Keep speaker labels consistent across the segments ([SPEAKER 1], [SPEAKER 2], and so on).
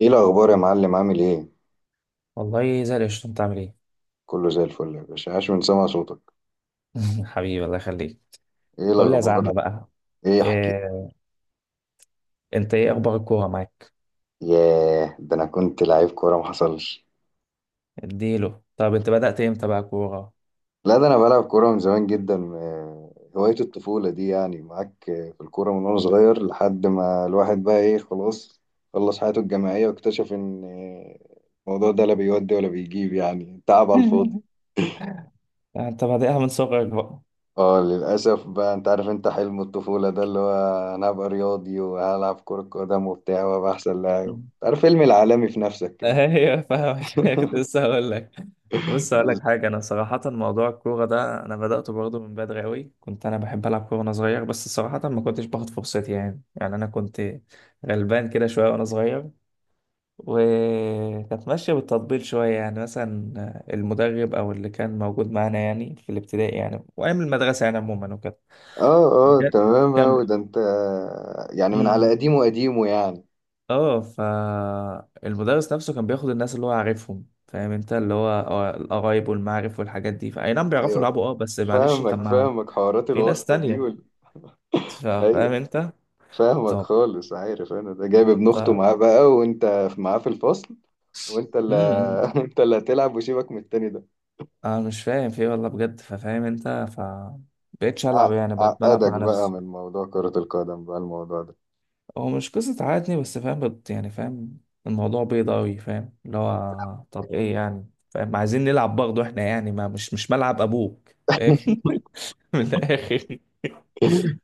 [SPEAKER 1] ايه الاخبار يا معلم؟ عامل ايه؟
[SPEAKER 2] والله زي القشطة، انت عامل ايه؟
[SPEAKER 1] كله زي الفل يا باشا، عاش من سمع صوتك.
[SPEAKER 2] حبيبي الله يخليك.
[SPEAKER 1] ايه
[SPEAKER 2] قول لي يا
[SPEAKER 1] الاخبار؟
[SPEAKER 2] زعمة بقى.
[SPEAKER 1] ايه احكي.
[SPEAKER 2] إيه، انت ايه اخبار الكورة معاك؟
[SPEAKER 1] ياه، ده انا كنت لعيب كوره ما حصلش.
[SPEAKER 2] اديله. طب انت بدأت امتى بقى كورة؟
[SPEAKER 1] لا ده انا بلعب كوره من زمان جدا. هوايه الطفوله دي، يعني معاك في الكوره من وانا صغير، لحد ما الواحد بقى ايه، خلاص خلص حياته الجامعيه واكتشف ان الموضوع ده لا بيودي ولا بيجيب، يعني تعب على الفاضي.
[SPEAKER 2] انت بادئها من صغرك بقى.
[SPEAKER 1] اه للأسف بقى، انت عارف انت حلم الطفولة ده اللي هو انا هبقى رياضي وهلعب كرة قدم وبتاع وابقى احسن لاعب،
[SPEAKER 2] مم.
[SPEAKER 1] انت عارف فيلم العالمي في نفسك كده.
[SPEAKER 2] ايوه، فاهمك. كنت لسه هقول لك. بص هقول لك
[SPEAKER 1] بس-
[SPEAKER 2] حاجة، انا صراحة موضوع الكورة ده انا بدأته برضه من بدري قوي. كنت انا بحب العب كورة وانا صغير، بس صراحة ما كنتش باخد فرصتي يعني انا كنت غلبان كده شوية وانا صغير، وكانت ماشية بالتطبيل شوية. يعني مثلا المدرب أو اللي كان موجود معانا يعني في الابتدائي، يعني وأيام المدرسة يعني، عموما وكده.
[SPEAKER 1] اه، اه
[SPEAKER 2] بجد.
[SPEAKER 1] تمام اوي،
[SPEAKER 2] كمل.
[SPEAKER 1] ده انت يعني من على
[SPEAKER 2] امم.
[SPEAKER 1] قديمه قديمه يعني.
[SPEAKER 2] اه، فالمدرس نفسه كان بياخد الناس اللي هو عارفهم. فاهم انت اللي هو القرايب والمعارف والحاجات دي. فأي نعم بيعرفوا
[SPEAKER 1] ايوه
[SPEAKER 2] يلعبوا، اه بس معلش. طب،
[SPEAKER 1] فاهمك
[SPEAKER 2] ما
[SPEAKER 1] فاهمك، حوارات
[SPEAKER 2] في ناس
[SPEAKER 1] الواسطة دي
[SPEAKER 2] تانية. فاهم
[SPEAKER 1] ايوه
[SPEAKER 2] انت؟
[SPEAKER 1] فاهمك
[SPEAKER 2] طب.
[SPEAKER 1] خالص، عارف انا ده جايب ابن اخته
[SPEAKER 2] طب.
[SPEAKER 1] معاه بقى، وانت معاه في الفصل، وانت اللي
[SPEAKER 2] امم.
[SPEAKER 1] انت اللي هتلعب وسيبك من التاني ده.
[SPEAKER 2] انا مش فاهم في ايه، والله بجد. ففاهم انت، بقيتش العب يعني، بقيت بلعب
[SPEAKER 1] عقدك
[SPEAKER 2] مع
[SPEAKER 1] بقى
[SPEAKER 2] نفسي.
[SPEAKER 1] من موضوع كرة القدم بقى، الموضوع ده
[SPEAKER 2] هو مش قصة عادني، بس فاهم يعني فاهم الموضوع بيض أوي. فاهم اللي هو طب إيه يعني؟ فاهم، عايزين نلعب برضه إحنا يعني. ما مش، مش ملعب أبوك فاهم. من الآخر.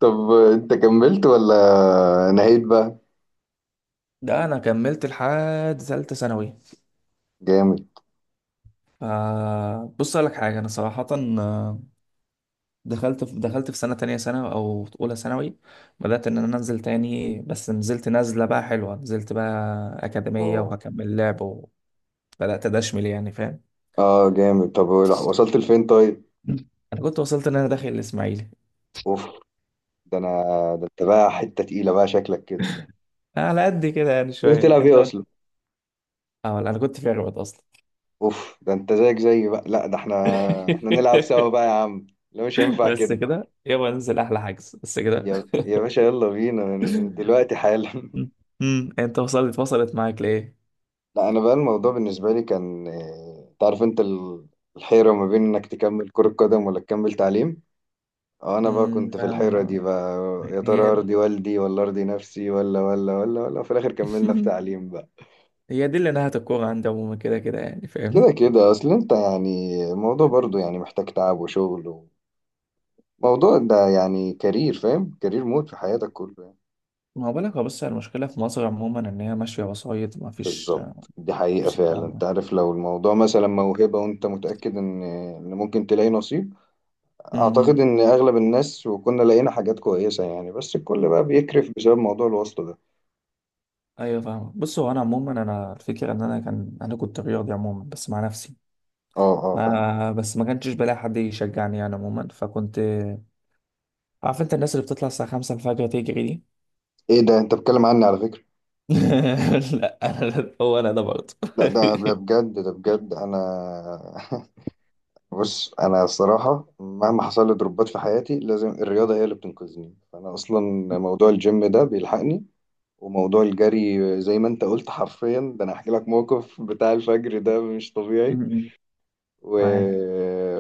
[SPEAKER 1] طب انت كملت ولا نهيت بقى؟
[SPEAKER 2] ده أنا كملت لحد تالتة ثانوي.
[SPEAKER 1] جامد.
[SPEAKER 2] ف- بص أقول لك حاجة، أنا صراحة آه، دخلت في سنة تانية، سنة أو أولى ثانوي. بدأت إن أنا أنزل تاني، بس نزلت نزلة بقى حلوة. نزلت بقى أكاديمية
[SPEAKER 1] اه،
[SPEAKER 2] وهكمل لعب، وبدأت أدشمل يعني، فاهم.
[SPEAKER 1] اه جامد. طب لا، وصلت لفين طيب؟
[SPEAKER 2] أنا كنت وصلت إن أنا داخل الإسماعيلي.
[SPEAKER 1] اوف، ده انا ده انت بقى حتة تقيلة بقى شكلك كده.
[SPEAKER 2] على قد كده يعني
[SPEAKER 1] كنت
[SPEAKER 2] شوية
[SPEAKER 1] بتلعب
[SPEAKER 2] انت.
[SPEAKER 1] ايه اصلا؟
[SPEAKER 2] اه، انا كنت في اغبط اصلا.
[SPEAKER 1] اوف، ده انت زيك زي بقى، لا ده احنا احنا نلعب سوا بقى يا عم، لا مش هينفع
[SPEAKER 2] بس
[SPEAKER 1] كده.
[SPEAKER 2] كده، يلا ننزل احلى حجز بس كده.
[SPEAKER 1] يا يا باشا يلا بينا من دلوقتي حالا.
[SPEAKER 2] امم. انت وصلت، وصلت معاك ليه.
[SPEAKER 1] لا انا بقى الموضوع بالنسبة لي كان انت عارف انت الحيرة ما بين انك تكمل كرة قدم ولا تكمل تعليم. اه انا بقى كنت
[SPEAKER 2] امم.
[SPEAKER 1] في الحيرة دي بقى، يا ترى
[SPEAKER 2] هي.
[SPEAKER 1] ارضي والدي ولا ارضي نفسي ولا ولا ولا ولا في الاخر كملنا في تعليم بقى.
[SPEAKER 2] هي دي اللي نهت الكورة عندي عموما، كده كده يعني فاهم.
[SPEAKER 1] كده كده اصل انت، يعني الموضوع برضو يعني محتاج تعب وشغل، وموضوع ده يعني كارير، فاهم؟ كارير مود في حياتك كله يعني.
[SPEAKER 2] ما هو بالك، هو بص، المشكلة في مصر عموما ان هي ماشية وسايط. ما فيش، ما
[SPEAKER 1] بالظبط، دي حقيقة
[SPEAKER 2] فيش
[SPEAKER 1] فعلا.
[SPEAKER 2] الكلام ده.
[SPEAKER 1] انت عارف لو الموضوع مثلا موهبة وانت متأكد ان ان ممكن تلاقي نصيب، اعتقد
[SPEAKER 2] امم.
[SPEAKER 1] ان اغلب الناس، وكنا لقينا حاجات كويسة يعني، بس الكل بقى بيكرف بسبب موضوع الواسطة ده.
[SPEAKER 2] ايوه، فاهمة. بص، هو انا عموما، انا الفكرة ان انا كان، انا كنت رياضي عموما بس مع نفسي.
[SPEAKER 1] اه، اه فاهم.
[SPEAKER 2] ما كنتش بلاقي حد يشجعني يعني عموما. فكنت عارف انت الناس اللي بتطلع الساعة 5 الفجر تجري دي.
[SPEAKER 1] ايه ده، انت بتتكلم عني على فكرة؟
[SPEAKER 2] لا، انا ده برضه.
[SPEAKER 1] لا ده ده بجد ده بجد انا. بص، انا الصراحه مهما حصل لي ضربات في حياتي لازم الرياضه هي اللي بتنقذني، فانا اصلا موضوع الجيم ده بيلحقني، وموضوع الجري زي ما انت قلت حرفيا، ده انا هحكي لك موقف بتاع الفجر ده مش طبيعي
[SPEAKER 2] م-م.
[SPEAKER 1] و...
[SPEAKER 2] معاك.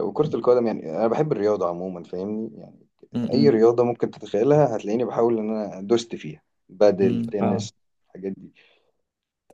[SPEAKER 1] وكرة القدم، يعني انا بحب الرياضه عموما فاهمني يعني، اي
[SPEAKER 2] م-م.
[SPEAKER 1] رياضه ممكن تتخيلها هتلاقيني بحاول ان انا دوست فيها،
[SPEAKER 2] م،
[SPEAKER 1] بدل
[SPEAKER 2] م. فاهم.
[SPEAKER 1] تنس، الحاجات دي.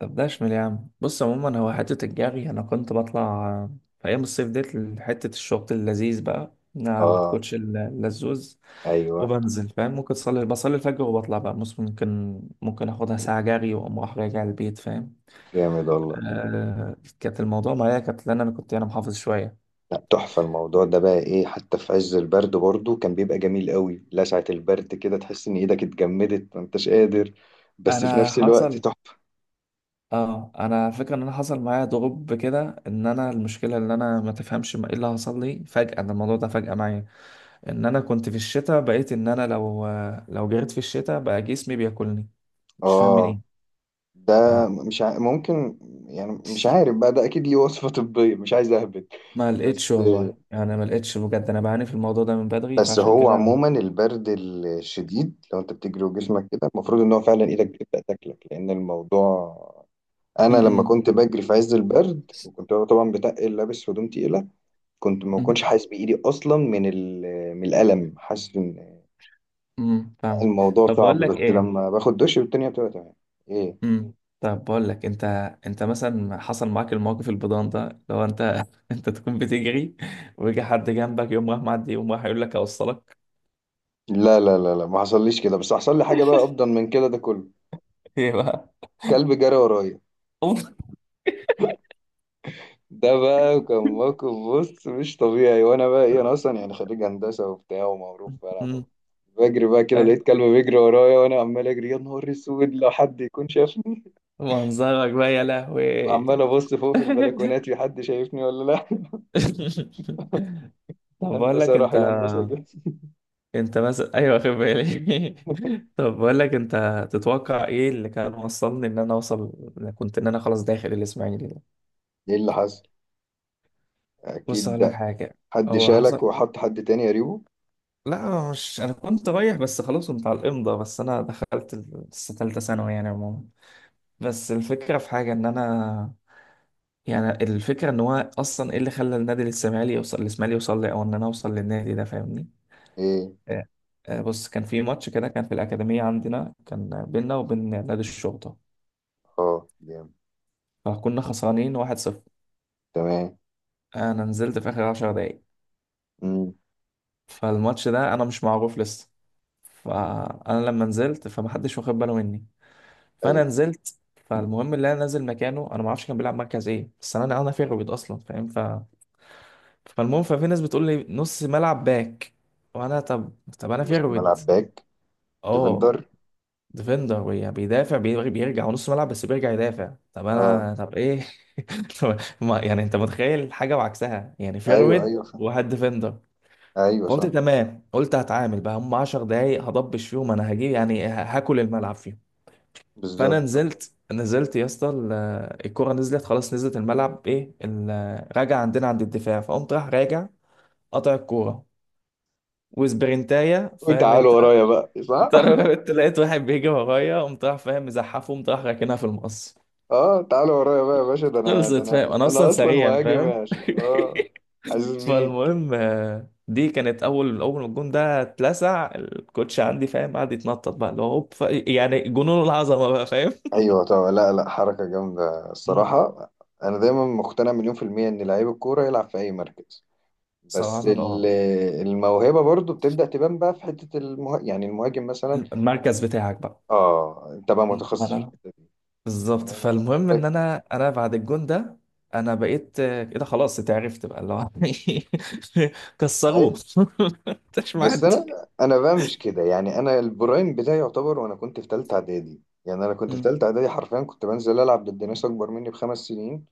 [SPEAKER 2] طب ده اشمل يا عم. بص عموما، هو حتة الجري انا كنت بطلع في ايام الصيف ديت، حتة الشورت اللذيذ بقى مع
[SPEAKER 1] اه،
[SPEAKER 2] الكوتش اللزوز،
[SPEAKER 1] ايوه.
[SPEAKER 2] وبنزل فاهم. ممكن صلي، بصلي الفجر وبطلع بقى. بص ممكن، ممكن اخدها ساعة جري واقوم رايح راجع البيت فاهم.
[SPEAKER 1] جامد والله.
[SPEAKER 2] آه، كانت الموضوع معايا كانت لان انا كنت، انا محافظ شويه.
[SPEAKER 1] لا تحفة، الموضوع ده بقى ايه، حتى في عز البرد برضو كان بيبقى جميل قوي، لسعة البرد كده تحس ان ايدك اتجمدت ما انتش قادر، بس في
[SPEAKER 2] انا
[SPEAKER 1] نفس الوقت
[SPEAKER 2] حصل،
[SPEAKER 1] تحفة.
[SPEAKER 2] اه انا فكرة ان انا حصل معايا ضغوط كده. ان انا المشكله ان انا ما تفهمش، ايه اللي حصل لي فجاه، ان الموضوع ده فجاه معايا. ان انا كنت في الشتاء، بقيت ان انا لو، لو جريت في الشتاء بقى جسمي بياكلني. مش فاهم من
[SPEAKER 1] اه
[SPEAKER 2] ايه.
[SPEAKER 1] ده
[SPEAKER 2] ف-
[SPEAKER 1] مش ع... ممكن يعني مش عارف بقى، ده اكيد ليه وصفة طبية، مش عايز اهبد.
[SPEAKER 2] ما لقيتش
[SPEAKER 1] بس
[SPEAKER 2] والله يعني، ما لقيتش بجد. انا بعاني في الموضوع ده من بدري،
[SPEAKER 1] بس
[SPEAKER 2] فعشان
[SPEAKER 1] هو
[SPEAKER 2] كده
[SPEAKER 1] عموما البرد الشديد لو انت بتجري وجسمك كده، المفروض ان هو فعلا ايدك بتبدأ تاكلك، لان الموضوع انا لما
[SPEAKER 2] م-
[SPEAKER 1] كنت بجري في عز البرد وكنت طبعا بتقل لابس هدوم تقيلة، كنت ما
[SPEAKER 2] م-
[SPEAKER 1] كنتش حاسس بايدي اصلا من من الالم، حاسس ان
[SPEAKER 2] م- فاهمك.
[SPEAKER 1] الموضوع
[SPEAKER 2] طب
[SPEAKER 1] صعب،
[SPEAKER 2] بقول لك
[SPEAKER 1] بس
[SPEAKER 2] ايه.
[SPEAKER 1] لما باخد دش الدنيا بتبقى تمام. ايه؟
[SPEAKER 2] امم. طب بقول لك، انت، انت مثلا حصل معاك الموقف البيضان ده، لو انت انت تكون بتجري ويجي حد جنبك يقوم راح معدي يقوم راح يقول لك اوصلك.
[SPEAKER 1] لا لا لا لا ما حصليش كده، بس حصل لي حاجه بقى افضل من كده ده كله.
[SPEAKER 2] ايه بقى؟
[SPEAKER 1] كلب جرى ورايا.
[SPEAKER 2] اوف.
[SPEAKER 1] ده بقى كان موقف بص مش طبيعي، وانا بقى ايه، انا اصلا يعني خريج هندسه وبتاع ومعروف، فانا بقى
[SPEAKER 2] امم.
[SPEAKER 1] بجري بقى كده
[SPEAKER 2] ايه
[SPEAKER 1] لقيت كلب بيجري ورايا، وانا عمال اجري، يا نهار اسود لو حد يكون شافني.
[SPEAKER 2] منظرك بقى يا لهوي.
[SPEAKER 1] وعمال ابص فوق في البلكونات في حد شايفني ولا لا.
[SPEAKER 2] طب بقول لك
[SPEAKER 1] الهندسه راح،
[SPEAKER 2] انت،
[SPEAKER 1] الهندسه جه.
[SPEAKER 2] انت مثلا ايوه، واخد بالي. طب بقول لك، انت تتوقع ايه اللي كان وصلني، ان انا اوصل، كنت ان انا خلاص داخل الاسماعيلي ده.
[SPEAKER 1] ايه اللي حصل؟
[SPEAKER 2] بص اقول لك
[SPEAKER 1] اكيد
[SPEAKER 2] حاجه،
[SPEAKER 1] حد
[SPEAKER 2] هو
[SPEAKER 1] شالك
[SPEAKER 2] حصل،
[SPEAKER 1] وحط حد تاني قريبه؟
[SPEAKER 2] لا مش، انا كنت رايح بس خلاص. كنت على الامضه، بس انا دخلت لسه ثالثه ثانوي يعني عموما. بس الفكره في حاجه ان انا، يعني الفكره ان هو اصلا ايه اللي خلى النادي الاسماعيلي يوصل، الاسماعيلي يوصل لي او ان انا اوصل للنادي ده، فاهمني.
[SPEAKER 1] ايه.
[SPEAKER 2] إيه. بص كان في ماتش كده، كان في الأكاديمية عندنا، كان بينا وبين نادي الشرطة.
[SPEAKER 1] اه جامد.
[SPEAKER 2] فكنا خسرانين 1-0.
[SPEAKER 1] تمام.
[SPEAKER 2] أنا نزلت في آخر 10 دقايق.
[SPEAKER 1] امم.
[SPEAKER 2] فالماتش ده أنا مش معروف لسه. فأنا لما نزلت فمحدش واخد باله مني،
[SPEAKER 1] ايوه.
[SPEAKER 2] فانا نزلت. فالمهم اللي انا نازل مكانه انا ما اعرفش كان بيلعب مركز ايه، بس انا، انا في الرابيض اصلا فاهم. فالمهم ففي ناس بتقول لي نص ملعب باك. وانا طب، طب انا في
[SPEAKER 1] نص
[SPEAKER 2] الرابيض.
[SPEAKER 1] ملعب باك؟
[SPEAKER 2] اه.
[SPEAKER 1] ديفندر.
[SPEAKER 2] ديفندر. بيدافع، بيرجع ونص ملعب، بس بيرجع يدافع. طب
[SPEAKER 1] اه.
[SPEAKER 2] انا طب ايه؟ طب ما يعني انت متخيل حاجه وعكسها يعني،
[SPEAKER 1] ايوه
[SPEAKER 2] فيرويد
[SPEAKER 1] ايوه صح،
[SPEAKER 2] وواحد ديفندر.
[SPEAKER 1] ايوه
[SPEAKER 2] فقلت
[SPEAKER 1] صح.
[SPEAKER 2] تمام، قلت هتعامل بقى، هم 10 دقايق هضبش فيهم، انا هجيب يعني، هاكل الملعب فيهم. فانا
[SPEAKER 1] بالظبط.
[SPEAKER 2] نزلت، نزلت يا اسطى، الكرة نزلت خلاص، نزلت الملعب. ايه راجع عندنا عند الدفاع، فقمت راح راجع، قطع الكورة وسبرنتاية فاهم
[SPEAKER 1] وتعالوا
[SPEAKER 2] انت.
[SPEAKER 1] ورايا بقى، صح؟
[SPEAKER 2] انت لقيت واحد بيجي ورايا، قمت راح فاهم مزحفه، قمت راح راكنها في المقص.
[SPEAKER 1] اه تعالوا ورايا بقى يا باشا، ده انا ده
[SPEAKER 2] خلصت فاهم،
[SPEAKER 1] انا
[SPEAKER 2] انا اصلا
[SPEAKER 1] انا اصلا
[SPEAKER 2] سريع
[SPEAKER 1] مهاجم
[SPEAKER 2] فاهم.
[SPEAKER 1] يا باشا، اه. حاسس بيك.
[SPEAKER 2] فالمهم دي كانت اول، اول ما الجون ده اتلسع الكوتش عندي فاهم، قعد يتنطط بقى اللي هو هوب، يعني جنون العظمه بقى فاهم.
[SPEAKER 1] ايوه طبعا، لا لا حركه جامده الصراحه، انا دايما مقتنع مليون في الميه ان لعيب الكوره يلعب في اي مركز، بس
[SPEAKER 2] صراحه اه.
[SPEAKER 1] الموهبة برضو بتبدأ تبان بقى في حتة يعني المهاجم مثلا.
[SPEAKER 2] المركز بتاعك بقى.
[SPEAKER 1] اه انت بقى
[SPEAKER 2] ما
[SPEAKER 1] متخصص في
[SPEAKER 2] انا،
[SPEAKER 1] الحتة دي،
[SPEAKER 2] بالظبط.
[SPEAKER 1] يعني انا
[SPEAKER 2] فالمهم ان انا بعد الجون ده، انا بقيت كده خلاص اتعرفت بقى اللي هو كسروه.
[SPEAKER 1] أي-
[SPEAKER 2] مش
[SPEAKER 1] بس
[SPEAKER 2] معدي.
[SPEAKER 1] انا انا بقى مش كده، يعني انا البرايم بتاعي يعتبر وانا كنت في تالتة اعدادي، يعني انا كنت في
[SPEAKER 2] م-
[SPEAKER 1] تالتة اعدادي حرفيا كنت بنزل العب ضد ناس اكبر مني ب5 سنين،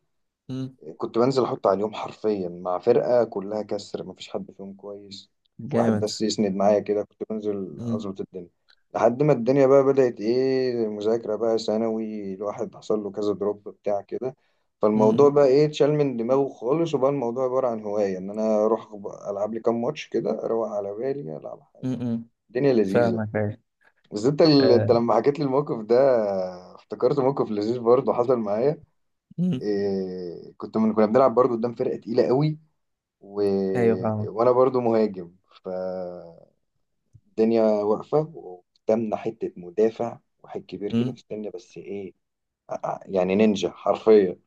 [SPEAKER 2] م.
[SPEAKER 1] كنت بنزل احط على اليوم حرفيا مع فرقه كلها كسر مفيش حد فيهم كويس، واحد
[SPEAKER 2] جامد.
[SPEAKER 1] بس يسند معايا كده كنت بنزل
[SPEAKER 2] م-
[SPEAKER 1] اظبط الدنيا، لحد ما الدنيا بقى بدأت ايه، مذاكره بقى ثانوي، الواحد حصل له كذا دروب بتاع كده، فالموضوع
[SPEAKER 2] م-
[SPEAKER 1] بقى ايه اتشال من دماغه خالص، وبقى الموضوع عباره عن هوايه ان انا اروح العب لي كام ماتش كده اروق على بالي، العب حالي،
[SPEAKER 2] م- م.
[SPEAKER 1] الدنيا لذيذه.
[SPEAKER 2] فاهمك، ايوه.
[SPEAKER 1] بس انت
[SPEAKER 2] آه،
[SPEAKER 1] انت لما حكيت لي الموقف ده افتكرت موقف لذيذ برضه حصل معايا.
[SPEAKER 2] م.
[SPEAKER 1] إيه، كنت كنا بنلعب برضو قدام فرقة تقيلة قوي، و...
[SPEAKER 2] ايوه فاهمك.
[SPEAKER 1] وانا برضو مهاجم، فالدنيا واقفة وقدامنا حتة مدافع، واحد كبير كده
[SPEAKER 2] م.
[SPEAKER 1] في السن، بس ايه، يعني نينجا حرفيا.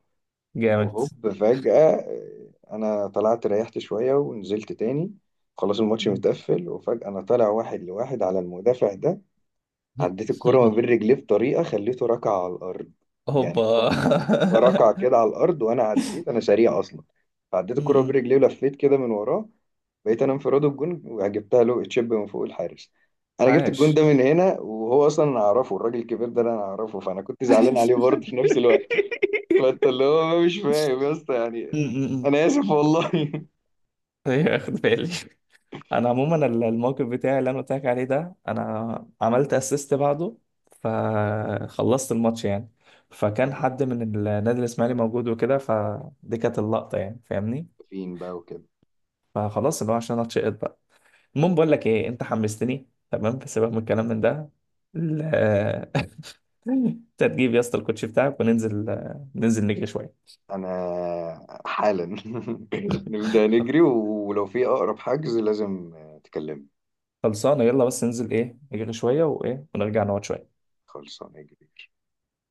[SPEAKER 2] جامد.
[SPEAKER 1] وهوب فجأة إيه، انا طلعت ريحت شوية ونزلت تاني، خلاص الماتش
[SPEAKER 2] م.
[SPEAKER 1] متقفل، وفجأة انا طالع واحد لواحد على المدافع ده، عديت الكرة ما بين رجليه بطريقة خليته ركع على الأرض، يعني
[SPEAKER 2] هوبا.
[SPEAKER 1] هو هو ركع كده على الأرض، وأنا عديت، أنا سريع أصلا، فعديت
[SPEAKER 2] م-
[SPEAKER 1] الكرة ما بين
[SPEAKER 2] م.
[SPEAKER 1] رجليه ولفيت كده من وراه، بقيت أنا انفراد الجون وجبتها له تشيب من فوق الحارس. أنا جبت الجون ده
[SPEAKER 2] عاش.
[SPEAKER 1] من هنا، وهو أصلا أنا أعرفه، الراجل الكبير ده أنا أعرفه، فأنا كنت زعلان عليه برضه في نفس الوقت. فأنت اللي هو مش فاهم يا اسطى
[SPEAKER 2] م-
[SPEAKER 1] يعني،
[SPEAKER 2] م- م.
[SPEAKER 1] أنا آسف والله.
[SPEAKER 2] ايوه اخد بالي. انا عموما الموقف بتاعي اللي انا قلت لك عليه ده، انا عملت اسيست بعده. فخلصت الماتش يعني. فكان حد من النادي الاسماعيلي موجود وكده، فدي كانت اللقطه يعني فاهمني.
[SPEAKER 1] فين بقى وكده؟
[SPEAKER 2] فخلاص اللي هو عشان اتشقط بقى. المهم بقول لك ايه، انت حمستني تمام. سيبك من الكلام من ده ال- انت تجيب يا اسطى الكوتشي بتاعك، وننزل، ننزل نجري شويه.
[SPEAKER 1] انا حالا نبدأ نجري، ولو في اقرب حجز لازم تكلمني.
[SPEAKER 2] خلصانه، يلا بس ننزل ايه، نجري شويه وايه، ونرجع نقعد شويه.
[SPEAKER 1] خلصانه.